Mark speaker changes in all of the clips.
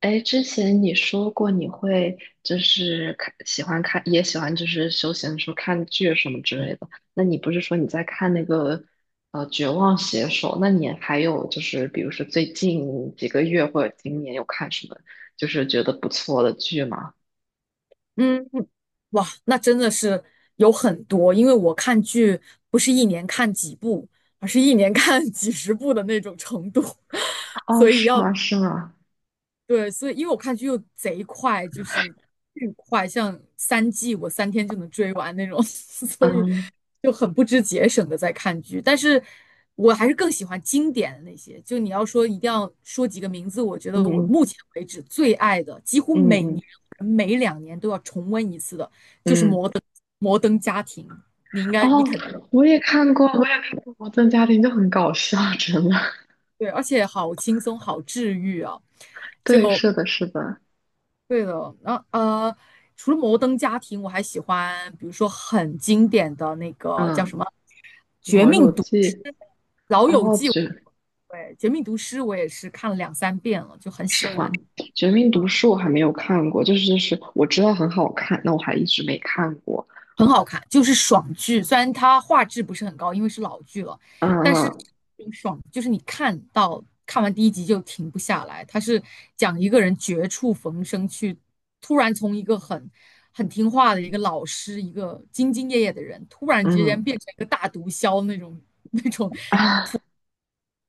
Speaker 1: 哎，之前你说过你会就是喜欢看，也喜欢就是休闲的时候看剧什么之类的。那你不是说你在看那个《绝望写手》？那你还有就是比如说最近几个月或者今年有看什么就是觉得不错的剧吗？
Speaker 2: 嗯，哇，那真的是有很多。因为我看剧不是一年看几部，而是一年看 几十部的那种程度，
Speaker 1: 哦，
Speaker 2: 所以
Speaker 1: 是
Speaker 2: 要，
Speaker 1: 吗？是吗？
Speaker 2: 对，所以因为我看剧又贼快，就是巨快，像3季我3天就能追完那种。所以
Speaker 1: 嗯
Speaker 2: 就很不知节省的在看剧，但是我还是更喜欢经典的那些。就你要说一定要说几个名字，我觉得我
Speaker 1: 嗯
Speaker 2: 目前为止最爱的，几乎
Speaker 1: 嗯
Speaker 2: 每
Speaker 1: 嗯
Speaker 2: 年每两年都要重温一次的，就是
Speaker 1: 嗯嗯。
Speaker 2: 《摩登家庭》。你应该，
Speaker 1: 哦，
Speaker 2: 你肯定
Speaker 1: 我也看过《摩登家庭》，就很搞笑，真的。
Speaker 2: 对，而且好轻松，好治愈啊！就
Speaker 1: 对，是的，是的。
Speaker 2: 对的。然后除了《摩登家庭》，我还喜欢，比如说很经典的那个叫
Speaker 1: 嗯，
Speaker 2: 什么《绝
Speaker 1: 《老
Speaker 2: 命
Speaker 1: 友
Speaker 2: 毒
Speaker 1: 记》。
Speaker 2: 师》《老友
Speaker 1: 哦，
Speaker 2: 记》。对，《绝命毒师》我也是看了两三遍了，就很喜
Speaker 1: 是
Speaker 2: 欢，
Speaker 1: 吗？《绝命毒师》我还没有看过，就是我知道很好看，那我还一直没看过。
Speaker 2: 很好看，就是爽剧。虽然它画质不是很高，因为是老剧了，但是
Speaker 1: 嗯
Speaker 2: 挺爽，就是你看到看完第一集就停不下来。它是讲一个人绝处逢生去，突然从一个很听话的一个老师，一个兢兢业业的人，突然之
Speaker 1: 嗯
Speaker 2: 间变成一个大毒枭那种 那种
Speaker 1: 啊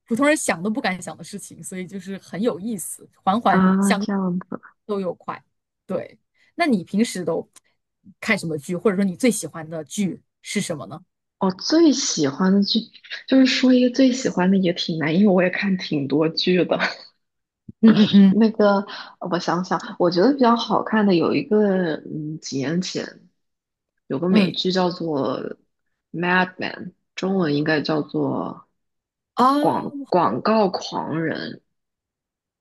Speaker 2: 普通人想都不敢想的事情，所以就是很有意思，环环
Speaker 1: 啊，这样子。
Speaker 2: 都有快。对，那你平时都看什么剧，或者说你最喜欢的剧是什么呢？
Speaker 1: 我最喜欢的剧就是说一个最喜欢的也挺难，因为我也看挺多剧的。
Speaker 2: 嗯嗯 嗯
Speaker 1: 那个我想想，我觉得比较好看的有一个，几年前有个美
Speaker 2: 嗯
Speaker 1: 剧叫做《Mad Man》，中文应该叫做
Speaker 2: 啊，
Speaker 1: 广告狂人。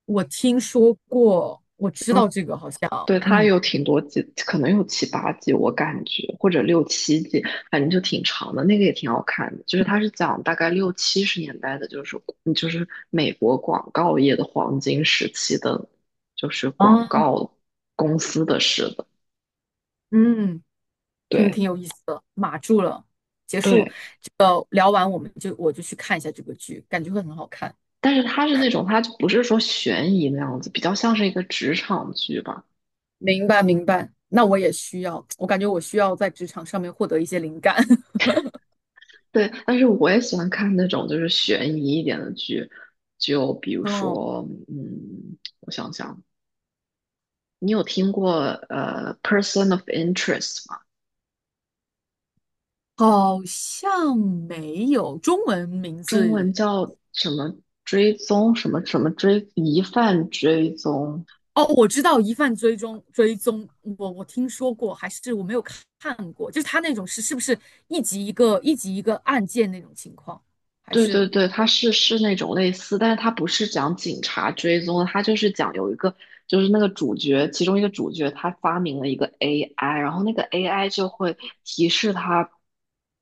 Speaker 2: 我听说过，我知
Speaker 1: 然
Speaker 2: 道
Speaker 1: 后。
Speaker 2: 这个好像。
Speaker 1: 对，它
Speaker 2: 嗯
Speaker 1: 有挺多季，可能有七八季，我感觉或者六七季，反正就挺长的。那个也挺好看的，就是它是讲大概六七十年代的，就是美国广告业的黄金时期的，就是广
Speaker 2: 啊
Speaker 1: 告公司的事的。
Speaker 2: 嗯挺
Speaker 1: 对
Speaker 2: 挺有意思的，码住了。结束
Speaker 1: 对，
Speaker 2: 这个聊完，我就去看一下这个剧，感觉会很好看。
Speaker 1: 但是它是那种，它就不是说悬疑那样子，比较像是一个职场剧吧。
Speaker 2: 明白明白。那我也需要，我感觉我需要在职场上面获得一些灵感。
Speaker 1: 对，但是我也喜欢看那种就是悬疑一点的剧，就比如
Speaker 2: 哦，
Speaker 1: 说，我想想。你有听过person of interest 吗？
Speaker 2: 好像没有中文名
Speaker 1: 中文
Speaker 2: 字。
Speaker 1: 叫什么追踪什么什么疑犯追踪
Speaker 2: 哦，我知道疑犯追踪，我听说过，还是我没有看过。就是他那种是不是一集一个案件那种情况，还
Speaker 1: 对
Speaker 2: 是
Speaker 1: 对对，它是那种类似，但是它不是讲警察追踪的，它就是讲有一个，就是那个主角，其中一个主角他发明了一个 AI，然后那个 AI 就会提示他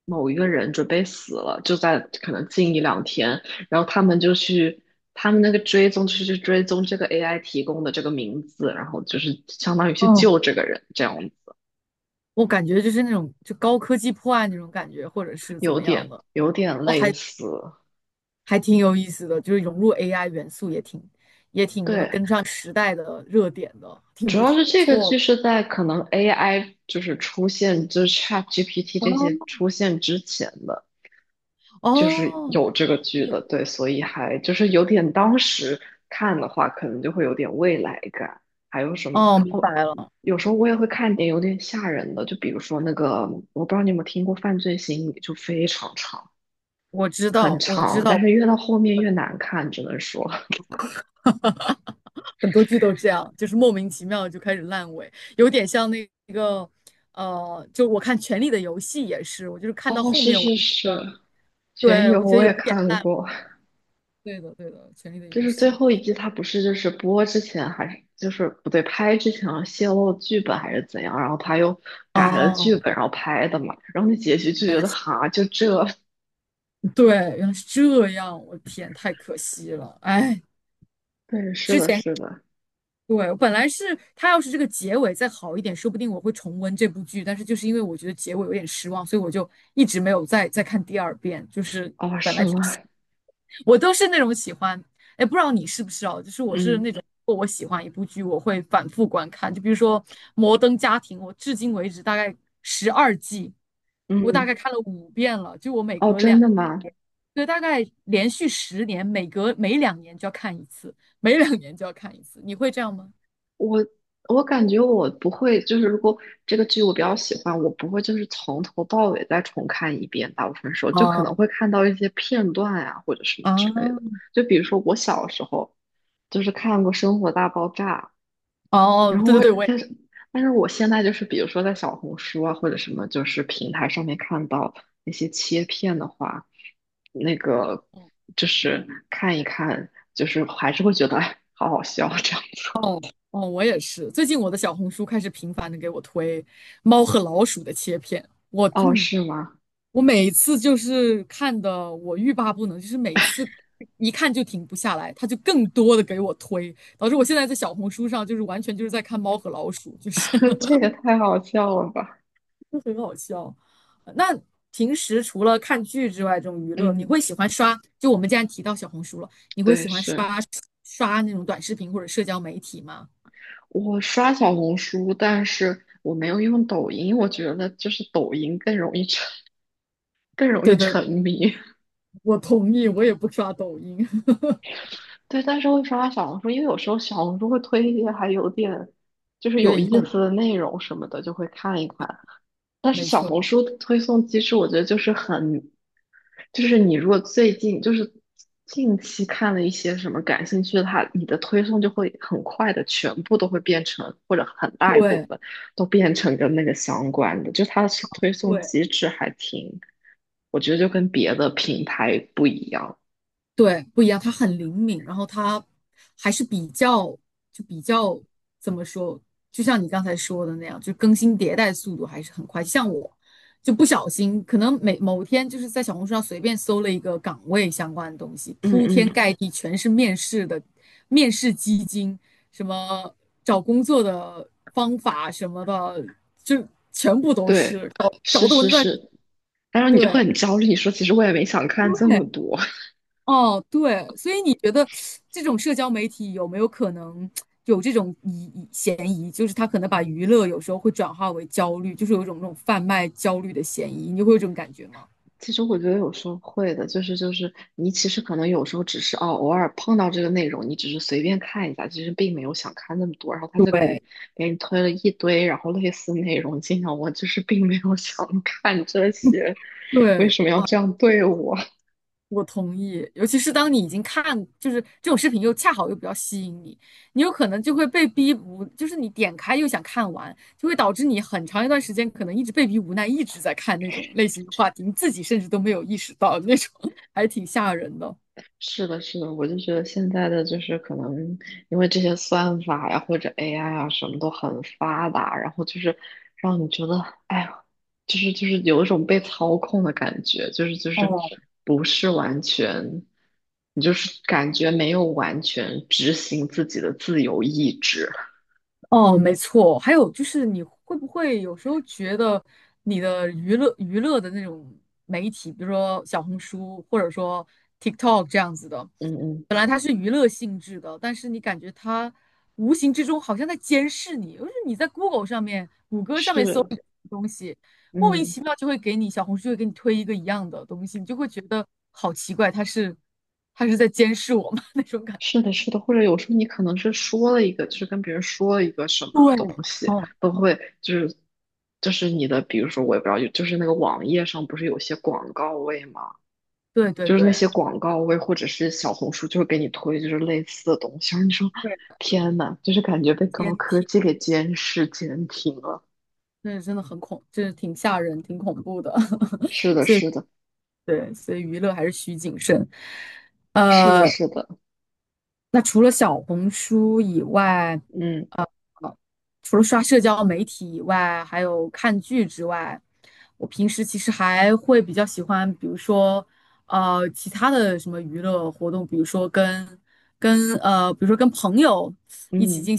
Speaker 1: 某一个人准备死了，就在可能近一两天，然后他们就去，他们那个追踪就是去追踪这个 AI 提供的这个名字，然后就是相当于去
Speaker 2: 嗯，
Speaker 1: 救这个人，这样子，
Speaker 2: 我感觉就是那种就高科技破案那种感觉，或者是怎
Speaker 1: 有
Speaker 2: 么样
Speaker 1: 点
Speaker 2: 的？
Speaker 1: 有点
Speaker 2: 哦，
Speaker 1: 类
Speaker 2: 还
Speaker 1: 似，
Speaker 2: 还挺有意思的，就是融入 AI 元素也挺那么
Speaker 1: 对。
Speaker 2: 跟上时代的热点的，挺
Speaker 1: 主
Speaker 2: 不
Speaker 1: 要是这个
Speaker 2: 错
Speaker 1: 剧
Speaker 2: 的。
Speaker 1: 是在可能 AI 就是出现，就是 ChatGPT 这些
Speaker 2: 哦，
Speaker 1: 出现之前的，就是
Speaker 2: 哦
Speaker 1: 有这个剧
Speaker 2: 有，
Speaker 1: 的，对，所以还就是有点当时看的话，可能就会有点未来感。还有什么
Speaker 2: 哦，明白
Speaker 1: 哦？
Speaker 2: 了。
Speaker 1: 有时候我也会看点有点吓人的，就比如说那个，我不知道你有没有听过《犯罪心理》，就非常长，
Speaker 2: 我知
Speaker 1: 很
Speaker 2: 道我知
Speaker 1: 长，但
Speaker 2: 道，
Speaker 1: 是越到后面越难看，只能说，
Speaker 2: 很多剧都这样，就是莫名其妙就开始烂尾，有点像那个，就我看《权力的游戏》也是，我就是看到
Speaker 1: 哦，
Speaker 2: 后
Speaker 1: 是
Speaker 2: 面我
Speaker 1: 是
Speaker 2: 就，
Speaker 1: 是，全
Speaker 2: 对，
Speaker 1: 游
Speaker 2: 我觉得
Speaker 1: 我
Speaker 2: 有
Speaker 1: 也
Speaker 2: 一点
Speaker 1: 看
Speaker 2: 烂。
Speaker 1: 过，
Speaker 2: 对的，对的。《权力的
Speaker 1: 就
Speaker 2: 游
Speaker 1: 是最
Speaker 2: 戏》
Speaker 1: 后一季，他不是就是播之前还是就是不对，拍之前泄露剧本还是怎样，然后他又改了剧
Speaker 2: 哦，
Speaker 1: 本，然后拍的嘛，然后那结局就
Speaker 2: 原
Speaker 1: 觉
Speaker 2: 来
Speaker 1: 得
Speaker 2: 是，
Speaker 1: 哈，就这，
Speaker 2: 对，原来是这样。我天，太可惜了，哎，
Speaker 1: 对，是
Speaker 2: 之
Speaker 1: 的，
Speaker 2: 前
Speaker 1: 是的，
Speaker 2: 对，我本来是他要是这个结尾再好一点，说不定我会重温这部剧，但是就是因为我觉得结尾有点失望，所以我就一直没有再看第二遍。就是
Speaker 1: 哦，是吗？
Speaker 2: 我都是那种喜欢，哎，不知道你是不是哦？就是我是
Speaker 1: 嗯
Speaker 2: 那种，如果我喜欢一部剧，我会反复观看。就比如说《摩登家庭》，我至今为止大概12季，我大
Speaker 1: 嗯，
Speaker 2: 概看了5遍了。就我每
Speaker 1: 哦，
Speaker 2: 隔
Speaker 1: 真
Speaker 2: 两，
Speaker 1: 的吗？
Speaker 2: 对，大概连续10年，每两年就要看一次，每两年就要看一次。你会这样吗？
Speaker 1: 我我感觉我不会，就是如果这个剧我比较喜欢，我不会就是从头到尾再重看一遍。大部分时候就可
Speaker 2: 哦
Speaker 1: 能会看到一些片段呀、或者什么之类
Speaker 2: 啊，
Speaker 1: 的。就比如说我小时候就是看过《生活大爆炸》，
Speaker 2: 哦，
Speaker 1: 然后
Speaker 2: 对对
Speaker 1: 我
Speaker 2: 对，我也。
Speaker 1: 但是但是我现在就是比如说在小红书啊或者什么就是平台上面看到那些切片的话，那个就是看一看，就是还是会觉得哎好好笑这样子。
Speaker 2: 哦哦，我也是。最近我的小红书开始频繁的给我推猫和老鼠的切片，我
Speaker 1: 哦，
Speaker 2: 嗯，
Speaker 1: 是吗？
Speaker 2: 我每次就是看的我欲罢不能，就是每次一看就停不下来，它就更多的给我推，导致我现在在小红书上就是完全就是在看猫和老鼠，就是
Speaker 1: 这个太好笑了吧？
Speaker 2: 就很好笑。那平时除了看剧之外，这种娱乐，你
Speaker 1: 嗯，
Speaker 2: 会喜欢刷？就我们既然提到小红书了，你会
Speaker 1: 对，
Speaker 2: 喜欢
Speaker 1: 是
Speaker 2: 刷那种短视频或者社交媒体吗？
Speaker 1: 我刷小红书，但是我没有用抖音，我觉得就是抖音更容易
Speaker 2: 对对。
Speaker 1: 沉迷。
Speaker 2: 我同意，我也不刷抖音。
Speaker 1: 对，但是会刷小红书，因为有时候小红书会推一些还有点就是
Speaker 2: 有
Speaker 1: 有
Speaker 2: 点
Speaker 1: 意
Speaker 2: 用，
Speaker 1: 思的内容什么的，就会看一看。但是
Speaker 2: 没
Speaker 1: 小
Speaker 2: 错，
Speaker 1: 红书的推送机制，我觉得就是很，就是你如果最近就是近期看了一些什么感兴趣的，你的推送就会很快的全部都会变成，或者很大一部
Speaker 2: 对
Speaker 1: 分都变成跟那个相关的，就它的推送
Speaker 2: 对。
Speaker 1: 机制还挺，我觉得就跟别的平台不一样。
Speaker 2: 对，不一样，他很灵敏，然后他还是比较怎么说，就像你刚才说的那样，就更新迭代速度还是很快。像我就不小心，可能每某天就是在小红书上随便搜了一个岗位相关的东西，
Speaker 1: 嗯
Speaker 2: 铺天
Speaker 1: 嗯，
Speaker 2: 盖地全是面试的面试基金，什么找工作的方法什么的，就全部都
Speaker 1: 对，
Speaker 2: 是搞
Speaker 1: 是
Speaker 2: 搞得我
Speaker 1: 是
Speaker 2: 那
Speaker 1: 是，然后你就会
Speaker 2: 对。
Speaker 1: 很焦虑，你说其实我也没想看这么多。
Speaker 2: 哦，对，所以你觉得这种社交媒体有没有可能有这种嫌疑？就是他可能把娱乐有时候会转化为焦虑，就是有一种那种贩卖焦虑的嫌疑，你会有这种感觉吗？
Speaker 1: 其实我觉得有时候会的，就是你其实可能有时候只是偶尔碰到这个内容，你只是随便看一下，其实并没有想看那么多，然后他就给你
Speaker 2: 对，
Speaker 1: 给你推了一堆，然后类似内容进来，我就是并没有想看这些，为
Speaker 2: 对，
Speaker 1: 什么要这样对我？
Speaker 2: 我同意。尤其是当你已经看，就是这种视频又恰好又比较吸引你，你有可能就会被逼无，就是你点开又想看完，就会导致你很长一段时间可能一直被逼无奈，一直在看那种类型的话题，你自己甚至都没有意识到那种。还挺吓人的。
Speaker 1: 是的，是的，我就觉得现在的就是可能因为这些算法呀或者 AI 啊什么都很发达，然后就是让你觉得，哎呀，就是有一种被操控的感觉，就是
Speaker 2: 哦。
Speaker 1: 不是完全，你就是感觉没有完全执行自己的自由意志。
Speaker 2: 哦，没错。还有就是，你会不会有时候觉得你的娱乐的那种媒体，比如说小红书或者说 TikTok 这样子的，
Speaker 1: 嗯嗯，
Speaker 2: 本来它是娱乐性质的，但是你感觉它无形之中好像在监视你，就是你在 Google 上面、谷歌上面搜
Speaker 1: 是，
Speaker 2: 一个东西，莫名
Speaker 1: 嗯。
Speaker 2: 其妙就会给你小红书就会给你推一个一样的东西，你就会觉得好奇怪，它是它是在监视我吗？那种感觉。
Speaker 1: 是的，是的，或者有时候你可能是说了一个，就是跟别人说了一个什么东
Speaker 2: 对，
Speaker 1: 西，
Speaker 2: 哦，
Speaker 1: 都会就是你的，比如说我也不知道，就是那个网页上不是有些广告位嘛，
Speaker 2: 对对
Speaker 1: 就是那
Speaker 2: 对，
Speaker 1: 些广告位或者是小红书就会给你推就是类似的东西，然后你说
Speaker 2: 对，
Speaker 1: 天呐，就是感觉被高
Speaker 2: 监
Speaker 1: 科
Speaker 2: 听。
Speaker 1: 技给监视监听了。
Speaker 2: 那是真的很恐，就是挺吓人、挺恐怖的。
Speaker 1: 是的，是的，
Speaker 2: 对，所以娱乐还是需谨慎。
Speaker 1: 是的，
Speaker 2: 呃，
Speaker 1: 是的，
Speaker 2: 那除了小红书以外，
Speaker 1: 嗯
Speaker 2: 呃，除了刷社交媒体以外，还有看剧之外，我平时其实还会比较喜欢，比如说，其他的什么娱乐活动，比如说跟朋友
Speaker 1: 嗯。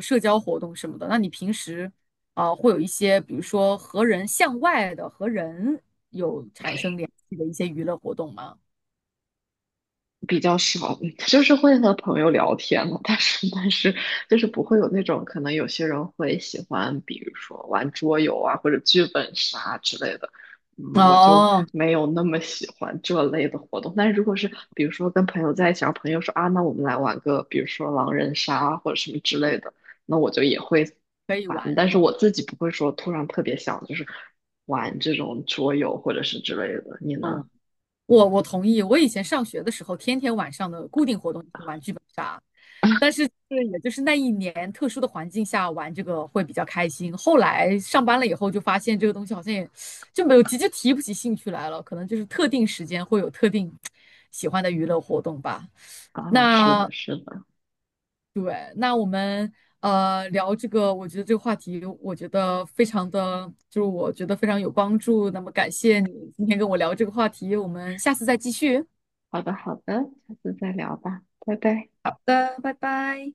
Speaker 2: 社交活动什么的。那你平时啊,会有一些，比如说和人向外的和人有产生联系的一些娱乐活动吗？
Speaker 1: 比较少，就是会和朋友聊天嘛，但是就是不会有那种可能有些人会喜欢，比如说玩桌游啊或者剧本杀之类的，嗯，我就
Speaker 2: 哦，
Speaker 1: 没有那么喜欢这类的活动。但是如果是比如说跟朋友在一起，然后朋友说啊，那我们来玩个比如说狼人杀啊或者什么之类的，那我就也会
Speaker 2: 可以
Speaker 1: 玩，
Speaker 2: 玩，
Speaker 1: 但是我
Speaker 2: 嗯
Speaker 1: 自己不会说突然特别想就是玩这种桌游或者是之类的。你呢？
Speaker 2: 嗯，我同意。我以前上学的时候，天天晚上的固定活动就是玩剧本杀。但是就是也就是那一年特殊的环境下玩这个会比较开心。后来上班了以后，就发现这个东西好像也就没有提就提不起兴趣来了。可能就是特定时间会有特定喜欢的娱乐活动吧。
Speaker 1: 啊，是
Speaker 2: 那
Speaker 1: 的，是的。
Speaker 2: 对，那我们聊这个，我觉得这个话题，我觉得非常的，就是我觉得非常有帮助。那么感谢你今天跟我聊这个话题，我们下次再继续。
Speaker 1: 好的，好的，下次再聊吧，拜拜。
Speaker 2: 好的，拜拜。